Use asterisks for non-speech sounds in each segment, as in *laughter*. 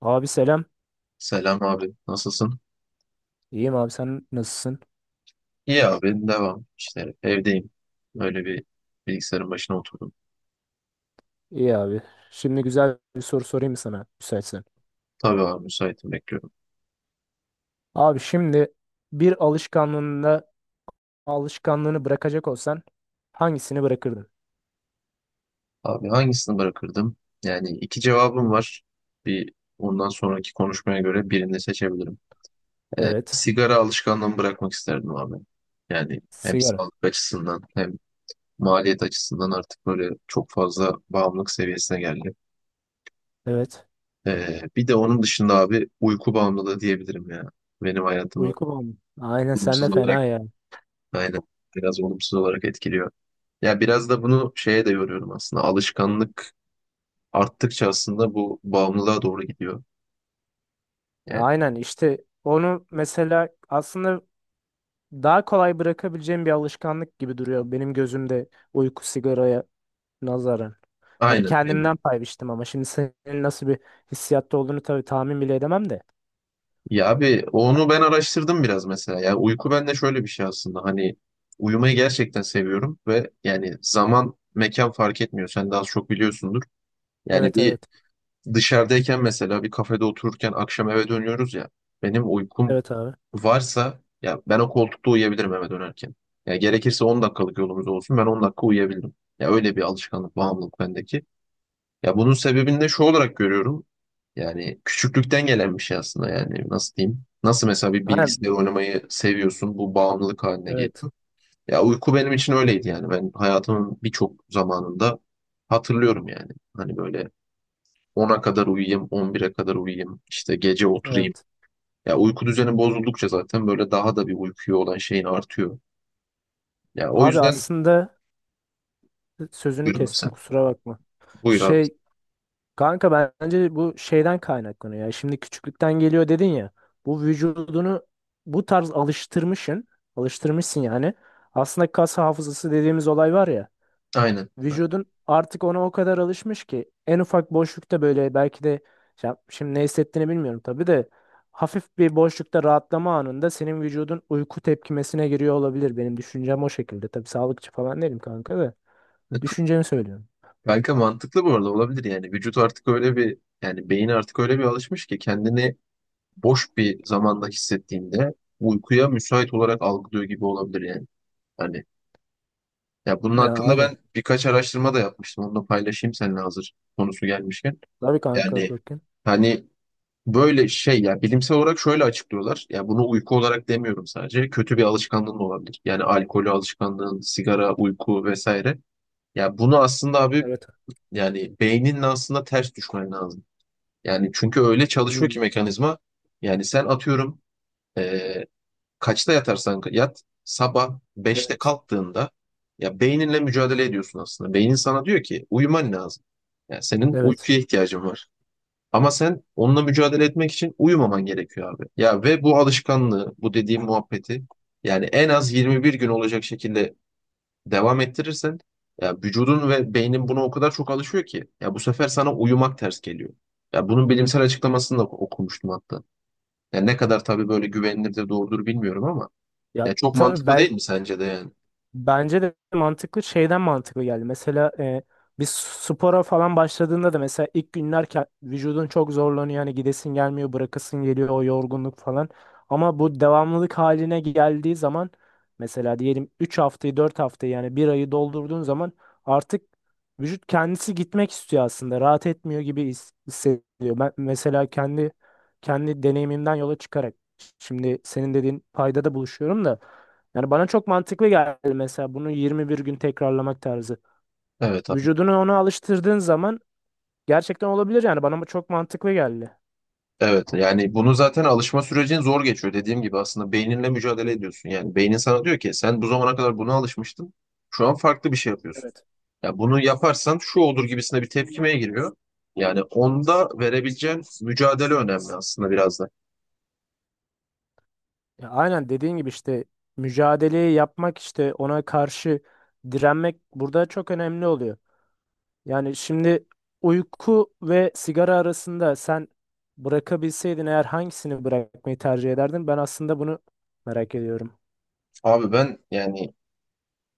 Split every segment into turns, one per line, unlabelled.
Abi selam.
Selam abi, nasılsın?
İyiyim abi, sen nasılsın?
İyi abi, devam. İşte evdeyim. Öyle bir bilgisayarın başına oturdum.
İyi abi. Şimdi güzel bir soru sorayım mı sana müsaitsen?
Tabii abi, müsaitim bekliyorum.
Abi şimdi bir alışkanlığında alışkanlığını bırakacak olsan hangisini bırakırdın?
Abi hangisini bırakırdım? Yani iki cevabım var. Bir ondan sonraki konuşmaya göre birini seçebilirim.
Evet.
Sigara alışkanlığımı bırakmak isterdim abi. Yani hem
Sigara.
sağlık açısından hem maliyet açısından artık böyle çok fazla bağımlılık seviyesine geldi.
Evet.
Bir de onun dışında abi uyku bağımlılığı diyebilirim ya. Benim hayatımı
Uyku mu? Aynen, sen de
olumsuz olarak.
fena ya.
Aynen. Biraz olumsuz olarak etkiliyor. Ya biraz da bunu şeye de yoruyorum aslında. Alışkanlık arttıkça aslında bu bağımlılığa doğru gidiyor.
Ya
Yani
aynen, işte onu mesela aslında daha kolay bırakabileceğim bir alışkanlık gibi duruyor benim gözümde uyku sigaraya nazaran. Yani
aynen. Yani,
kendimden pay biçtim ama şimdi senin nasıl bir hissiyatta olduğunu tabii tahmin bile edemem de.
ya abi onu ben araştırdım biraz mesela. Ya uyku bende şöyle bir şey aslında. Hani uyumayı gerçekten seviyorum ve yani zaman mekan fark etmiyor. Sen daha az çok biliyorsundur. Yani
Evet,
bir
evet.
dışarıdayken mesela bir kafede otururken akşam eve dönüyoruz ya. Benim uykum
Evet abi.
varsa ya ben o koltukta uyuyabilirim eve dönerken. Ya gerekirse 10 dakikalık yolumuz olsun ben 10 dakika uyuyabildim. Ya öyle bir alışkanlık, bağımlılık bendeki. Ya bunun sebebini de şu olarak görüyorum. Yani küçüklükten gelen bir şey aslında yani nasıl diyeyim? Nasıl mesela bir
Aynen.
bilgisayar oynamayı seviyorsun bu bağımlılık haline
Evet.
geliyor. Ya uyku benim için öyleydi yani ben hayatımın birçok zamanında hatırlıyorum yani. Hani böyle 10'a kadar uyuyayım, 11'e kadar uyuyayım, işte gece oturayım.
Evet.
Ya uyku düzeni bozuldukça zaten böyle daha da bir uykuya olan şeyin artıyor. Ya o
Abi
yüzden
aslında sözünü
buyurun
kestim,
sen.
kusura bakma.
Buyur abi.
Şey, kanka, bence bu şeyden kaynaklanıyor ya. Şimdi küçüklükten geliyor dedin ya. Bu vücudunu bu tarz alıştırmışsın. Alıştırmışsın yani. Aslında kas hafızası dediğimiz olay var ya.
Aynen, aynen.
Vücudun artık ona o kadar alışmış ki en ufak boşlukta böyle belki de, ya şimdi ne hissettiğini bilmiyorum tabii de, hafif bir boşlukta rahatlama anında senin vücudun uyku tepkimesine giriyor olabilir. Benim düşüncem o şekilde. Tabii sağlıkçı falan değilim kanka, da düşüncemi söylüyorum.
Kanka mantıklı bu arada olabilir yani. Vücut artık öyle bir yani beyin artık öyle bir alışmış ki kendini boş bir zamanda hissettiğinde uykuya müsait olarak algılıyor gibi olabilir yani. Hani ya bunun
Ya
hakkında
aynen.
ben birkaç araştırma da yapmıştım. Onu da paylaşayım seninle hazır konusu gelmişken.
Tabii kanka,
Yani
bakın.
hani böyle şey ya bilimsel olarak şöyle açıklıyorlar. Ya bunu uyku olarak demiyorum sadece. Kötü bir alışkanlığın da olabilir. Yani alkolü alışkanlığın, sigara, uyku vesaire. Ya bunu aslında abi
Evet.
yani beyninle aslında ters düşmen lazım. Yani çünkü öyle çalışıyor
Hmm,
ki mekanizma. Yani sen atıyorum, eee, kaçta yatarsan yat sabah beşte
evet.
kalktığında ya beyninle mücadele ediyorsun aslında. Beynin sana diyor ki uyuman lazım. Yani senin
Evet.
uykuya ihtiyacın var. Ama sen onunla mücadele etmek için uyumaman gerekiyor abi. Ya ve bu alışkanlığı, bu dediğim muhabbeti yani en az 21 gün olacak şekilde devam ettirirsen ya vücudun ve beynin buna o kadar çok alışıyor ki ya bu sefer sana uyumak ters geliyor. Ya bunun bilimsel açıklamasını da okumuştum hatta. Ya ne kadar tabii böyle güvenilir de doğrudur bilmiyorum ama
Ya
ya çok
tabii,
mantıklı değil
belki
mi sence de yani?
bence de mantıklı, şeyden mantıklı geldi. Mesela biz spora falan başladığında da mesela ilk günler vücudun çok zorlanıyor. Hani gidesin gelmiyor, bırakasın geliyor o yorgunluk falan. Ama bu devamlılık haline geldiği zaman mesela diyelim 3 haftayı 4 haftayı yani bir ayı doldurduğun zaman artık vücut kendisi gitmek istiyor aslında. Rahat etmiyor gibi hissediyor. Ben mesela kendi deneyimimden yola çıkarak şimdi senin dediğin paydada buluşuyorum da yani bana çok mantıklı geldi mesela bunu 21 gün tekrarlamak tarzı.
Evet abi.
Vücudunu ona alıştırdığın zaman gerçekten olabilir, yani bana çok mantıklı geldi.
Evet yani bunu zaten alışma sürecin zor geçiyor dediğim gibi aslında beyninle mücadele ediyorsun. Yani beynin sana diyor ki sen bu zamana kadar buna alışmıştın şu an farklı bir şey yapıyorsun.
Evet.
Ya bunu yaparsan şu olur gibisine bir tepkimeye giriyor. Yani onda verebileceğin mücadele önemli aslında biraz da.
Ya aynen dediğin gibi işte mücadeleyi yapmak, işte ona karşı direnmek burada çok önemli oluyor. Yani şimdi uyku ve sigara arasında sen bırakabilseydin eğer hangisini bırakmayı tercih ederdin? Ben aslında bunu merak ediyorum.
Abi ben yani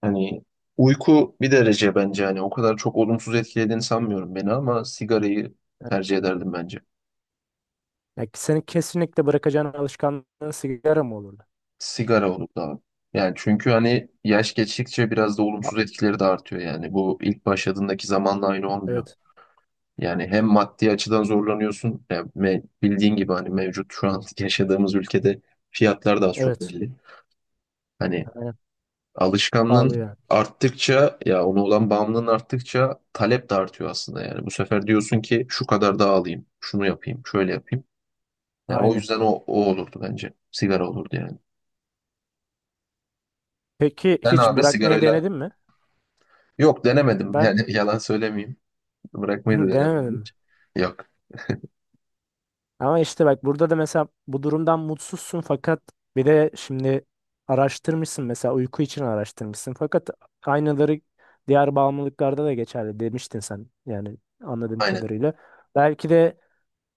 hani uyku bir derece bence hani o kadar çok olumsuz etkilediğini sanmıyorum beni ama sigarayı
Evet.
tercih ederdim bence.
Yani senin kesinlikle bırakacağın alışkanlığın sigara mı olurdu?
Sigara olurdu abi. Yani çünkü hani yaş geçtikçe biraz da
Ha-
olumsuz etkileri de artıyor yani. Bu ilk başladığındaki zamanla aynı olmuyor.
Evet.
Yani hem maddi açıdan zorlanıyorsun. Bildiğin gibi hani mevcut şu an *laughs* yaşadığımız ülkede fiyatlar da az çok
Evet.
belli. Hani
Aynen. Pahalı
alışkanlığın
yani.
arttıkça ya ona olan bağımlılığın arttıkça talep de artıyor aslında yani. Bu sefer diyorsun ki şu kadar daha alayım, şunu yapayım, şöyle yapayım. Yani o
Aynen.
yüzden o olurdu bence. Sigara olurdu yani.
Peki
Sen
hiç
abi
bırakmayı
sigarayla.
denedin mi?
Yok denemedim
Ben
yani *laughs* yalan söylemeyeyim. Bırakmayı da
*laughs*
denemedim
denemedim mi?
hiç. Yok.
Ama işte bak, burada da mesela bu durumdan mutsuzsun fakat bir de şimdi araştırmışsın, mesela uyku için araştırmışsın fakat aynaları diğer bağımlılıklarda da geçerli demiştin sen, yani anladığım
Aynen.
kadarıyla. Belki de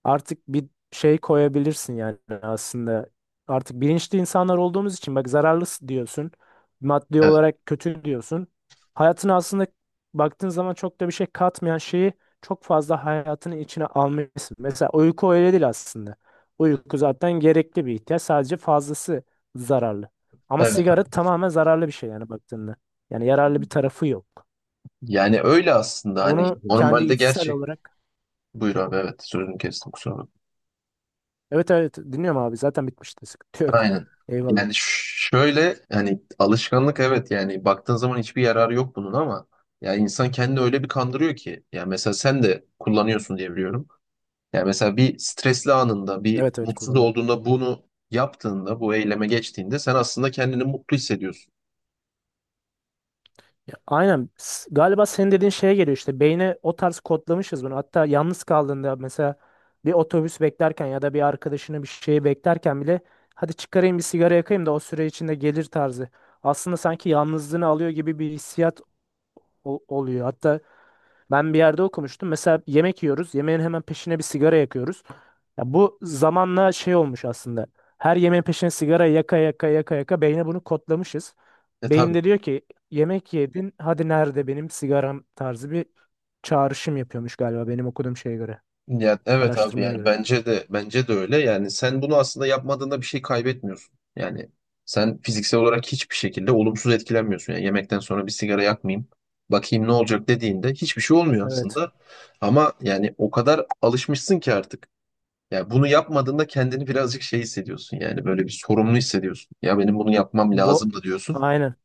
artık bir şey koyabilirsin yani aslında. Artık bilinçli insanlar olduğumuz için bak, zararlı diyorsun. Maddi
Evet.
olarak kötü diyorsun. Hayatına aslında baktığın zaman çok da bir şey katmayan şeyi çok fazla hayatının içine almışsın. Mesela uyku öyle değil aslında. Uyku zaten gerekli bir ihtiyaç. Sadece fazlası zararlı. Ama
Evet
sigara
evet.
tamamen zararlı bir şey yani baktığında. Yani yararlı bir tarafı yok.
Yani öyle aslında hani
Bunu kendi
normalde
içsel
gerçek.
olarak
Buyur abi, evet sözünü kestim kusura bakma.
evet, evet, dinliyorum abi, zaten bitmişti, sıkıntı yok.
Aynen.
Eyvallah.
Yani ş- Şöyle hani alışkanlık evet yani baktığın zaman hiçbir yararı yok bunun ama ya insan kendini öyle bir kandırıyor ki. Yani mesela sen de kullanıyorsun diye biliyorum. Yani mesela bir stresli anında bir
Evet, evet
mutsuz
kullanıyorum.
olduğunda bunu yaptığında bu eyleme geçtiğinde sen aslında kendini mutlu hissediyorsun.
Ya, aynen. Galiba senin dediğin şeye geliyor işte. Beyne o tarz kodlamışız bunu. Hatta yalnız kaldığında mesela bir otobüs beklerken ya da bir arkadaşını, bir şeyi beklerken bile hadi çıkarayım bir sigara yakayım da o süre içinde gelir tarzı. Aslında sanki yalnızlığını alıyor gibi bir hissiyat oluyor. Hatta ben bir yerde okumuştum. Mesela yemek yiyoruz. Yemeğin hemen peşine bir sigara yakıyoruz. Ya bu zamanla şey olmuş aslında. Her yemeğin peşine sigara yaka yaka yaka yaka beyne bunu kodlamışız.
E
Beyin
tabii.
de diyor ki yemek yedin hadi nerede benim sigaram tarzı bir çağrışım yapıyormuş galiba benim okuduğum şeye göre.
Ya evet abi
Araştırmaya
yani
göre.
bence de öyle. Yani sen bunu aslında yapmadığında bir şey kaybetmiyorsun. Yani sen fiziksel olarak hiçbir şekilde olumsuz etkilenmiyorsun. Yani yemekten sonra bir sigara yakmayayım, bakayım ne olacak dediğinde hiçbir şey olmuyor
Evet.
aslında. Ama yani o kadar alışmışsın ki artık. Yani bunu yapmadığında kendini birazcık şey hissediyorsun. Yani böyle bir sorumlu hissediyorsun. Ya benim bunu yapmam
Bo
lazım da diyorsun.
aynen.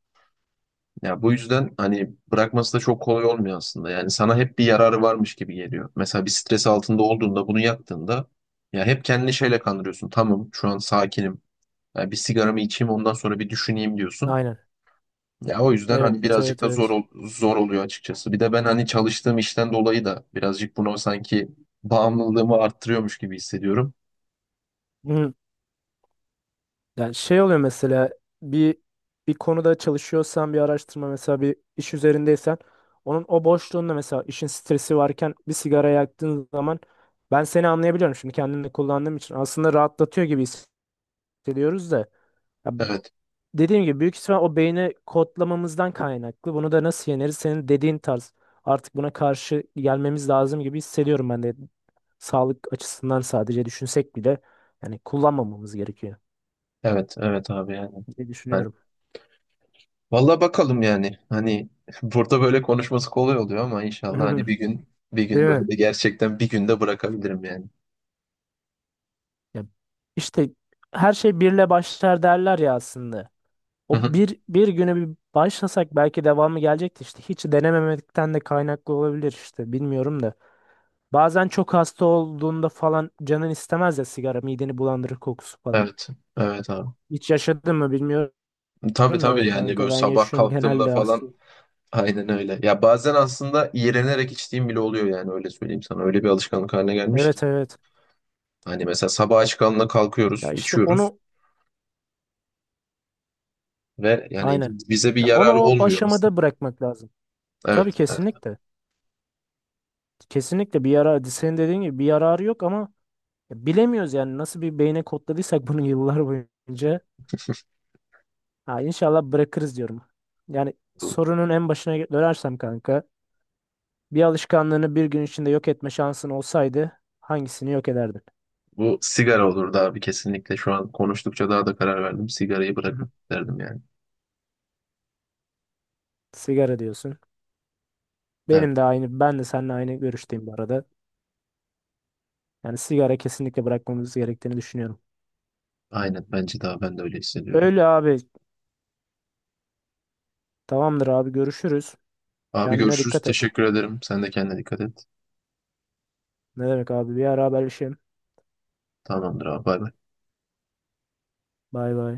Ya bu yüzden hani bırakması da çok kolay olmuyor aslında. Yani sana hep bir yararı varmış gibi geliyor. Mesela bir stres altında olduğunda bunu yaktığında ya hep kendini şeyle kandırıyorsun. Tamam şu an sakinim. Ya bir sigaramı içeyim ondan sonra bir düşüneyim diyorsun.
Aynen.
Ya o yüzden hani
Evet,
birazcık
evet,
da
evet.
zor oluyor açıkçası. Bir de ben hani çalıştığım işten dolayı da birazcık bunu sanki bağımlılığımı arttırıyormuş gibi hissediyorum.
Hı. Yani şey oluyor mesela bir bir konuda çalışıyorsan bir araştırma, mesela bir iş üzerindeysen onun o boşluğunda mesela işin stresi varken bir sigara yaktığın zaman ben seni anlayabiliyorum şimdi kendimde kullandığım için, aslında rahatlatıyor gibi hissediyoruz da ya
Evet.
dediğim gibi büyük ihtimal o beyni kodlamamızdan kaynaklı. Bunu da nasıl yeneriz? Senin dediğin tarz. Artık buna karşı gelmemiz lazım gibi hissediyorum ben de. Sağlık açısından sadece düşünsek bile yani kullanmamamız gerekiyor
Evet, evet abi yani.
diye düşünüyorum.
Vallahi bakalım yani. Hani *laughs* burada böyle konuşması kolay oluyor ama inşallah hani
*laughs*
bir
Değil
gün
mi?
böyle de gerçekten bir günde bırakabilirim yani.
Ya işte, her şey birle başlar derler ya aslında.
Hı
O
hı.
bir güne bir başlasak belki devamı gelecekti işte. Hiç denememekten de kaynaklı olabilir işte. Bilmiyorum da. Bazen çok hasta olduğunda falan canın istemez ya sigara, mideni bulandırır kokusu falan.
Evet. Evet abi.
Hiç yaşadın mı bilmiyorum
Tabii tabii
da
yani
kanka,
böyle
ben
sabah
yaşıyorum
kalktığımda
genelde
falan
hasta.
aynen öyle. Ya bazen aslında iğrenerek içtiğim bile oluyor yani öyle söyleyeyim sana. Öyle bir alışkanlık haline gelmiş ki.
Evet, evet.
Hani mesela sabah aç karnına kalkıyoruz,
Ya işte
içiyoruz
onu,
ve yani
aynen.
bize bir
Ya onu
yararı
o
olmuyor aslında.
aşamada bırakmak lazım. Tabii,
Evet, evet.
kesinlikle. Kesinlikle bir yara senin dediğin gibi bir yararı yok ama ya bilemiyoruz yani nasıl bir beyne kodladıysak *laughs* bunu yıllar boyunca. Ha, inşallah bırakırız diyorum. Yani sorunun en başına dönersem kanka, bir alışkanlığını bir gün içinde yok etme şansın olsaydı hangisini yok ederdin?
Bu sigara olurdu abi kesinlikle. Şu an konuştukça daha da karar verdim. Sigarayı
Hı hı.
bırakmak isterdim yani.
Sigara diyorsun.
Evet,
Benim de aynı, ben de seninle aynı görüşteyim bu arada. Yani sigara kesinlikle bırakmamız gerektiğini düşünüyorum.
aynen bence daha ben de öyle hissediyorum.
Öyle abi. Tamamdır abi, görüşürüz.
Abi
Kendine
görüşürüz.
dikkat et.
Teşekkür ederim. Sen de kendine dikkat et.
Ne demek abi, bir ara haberleşelim.
Tamamdır abi. Bay bay.
Bay bay.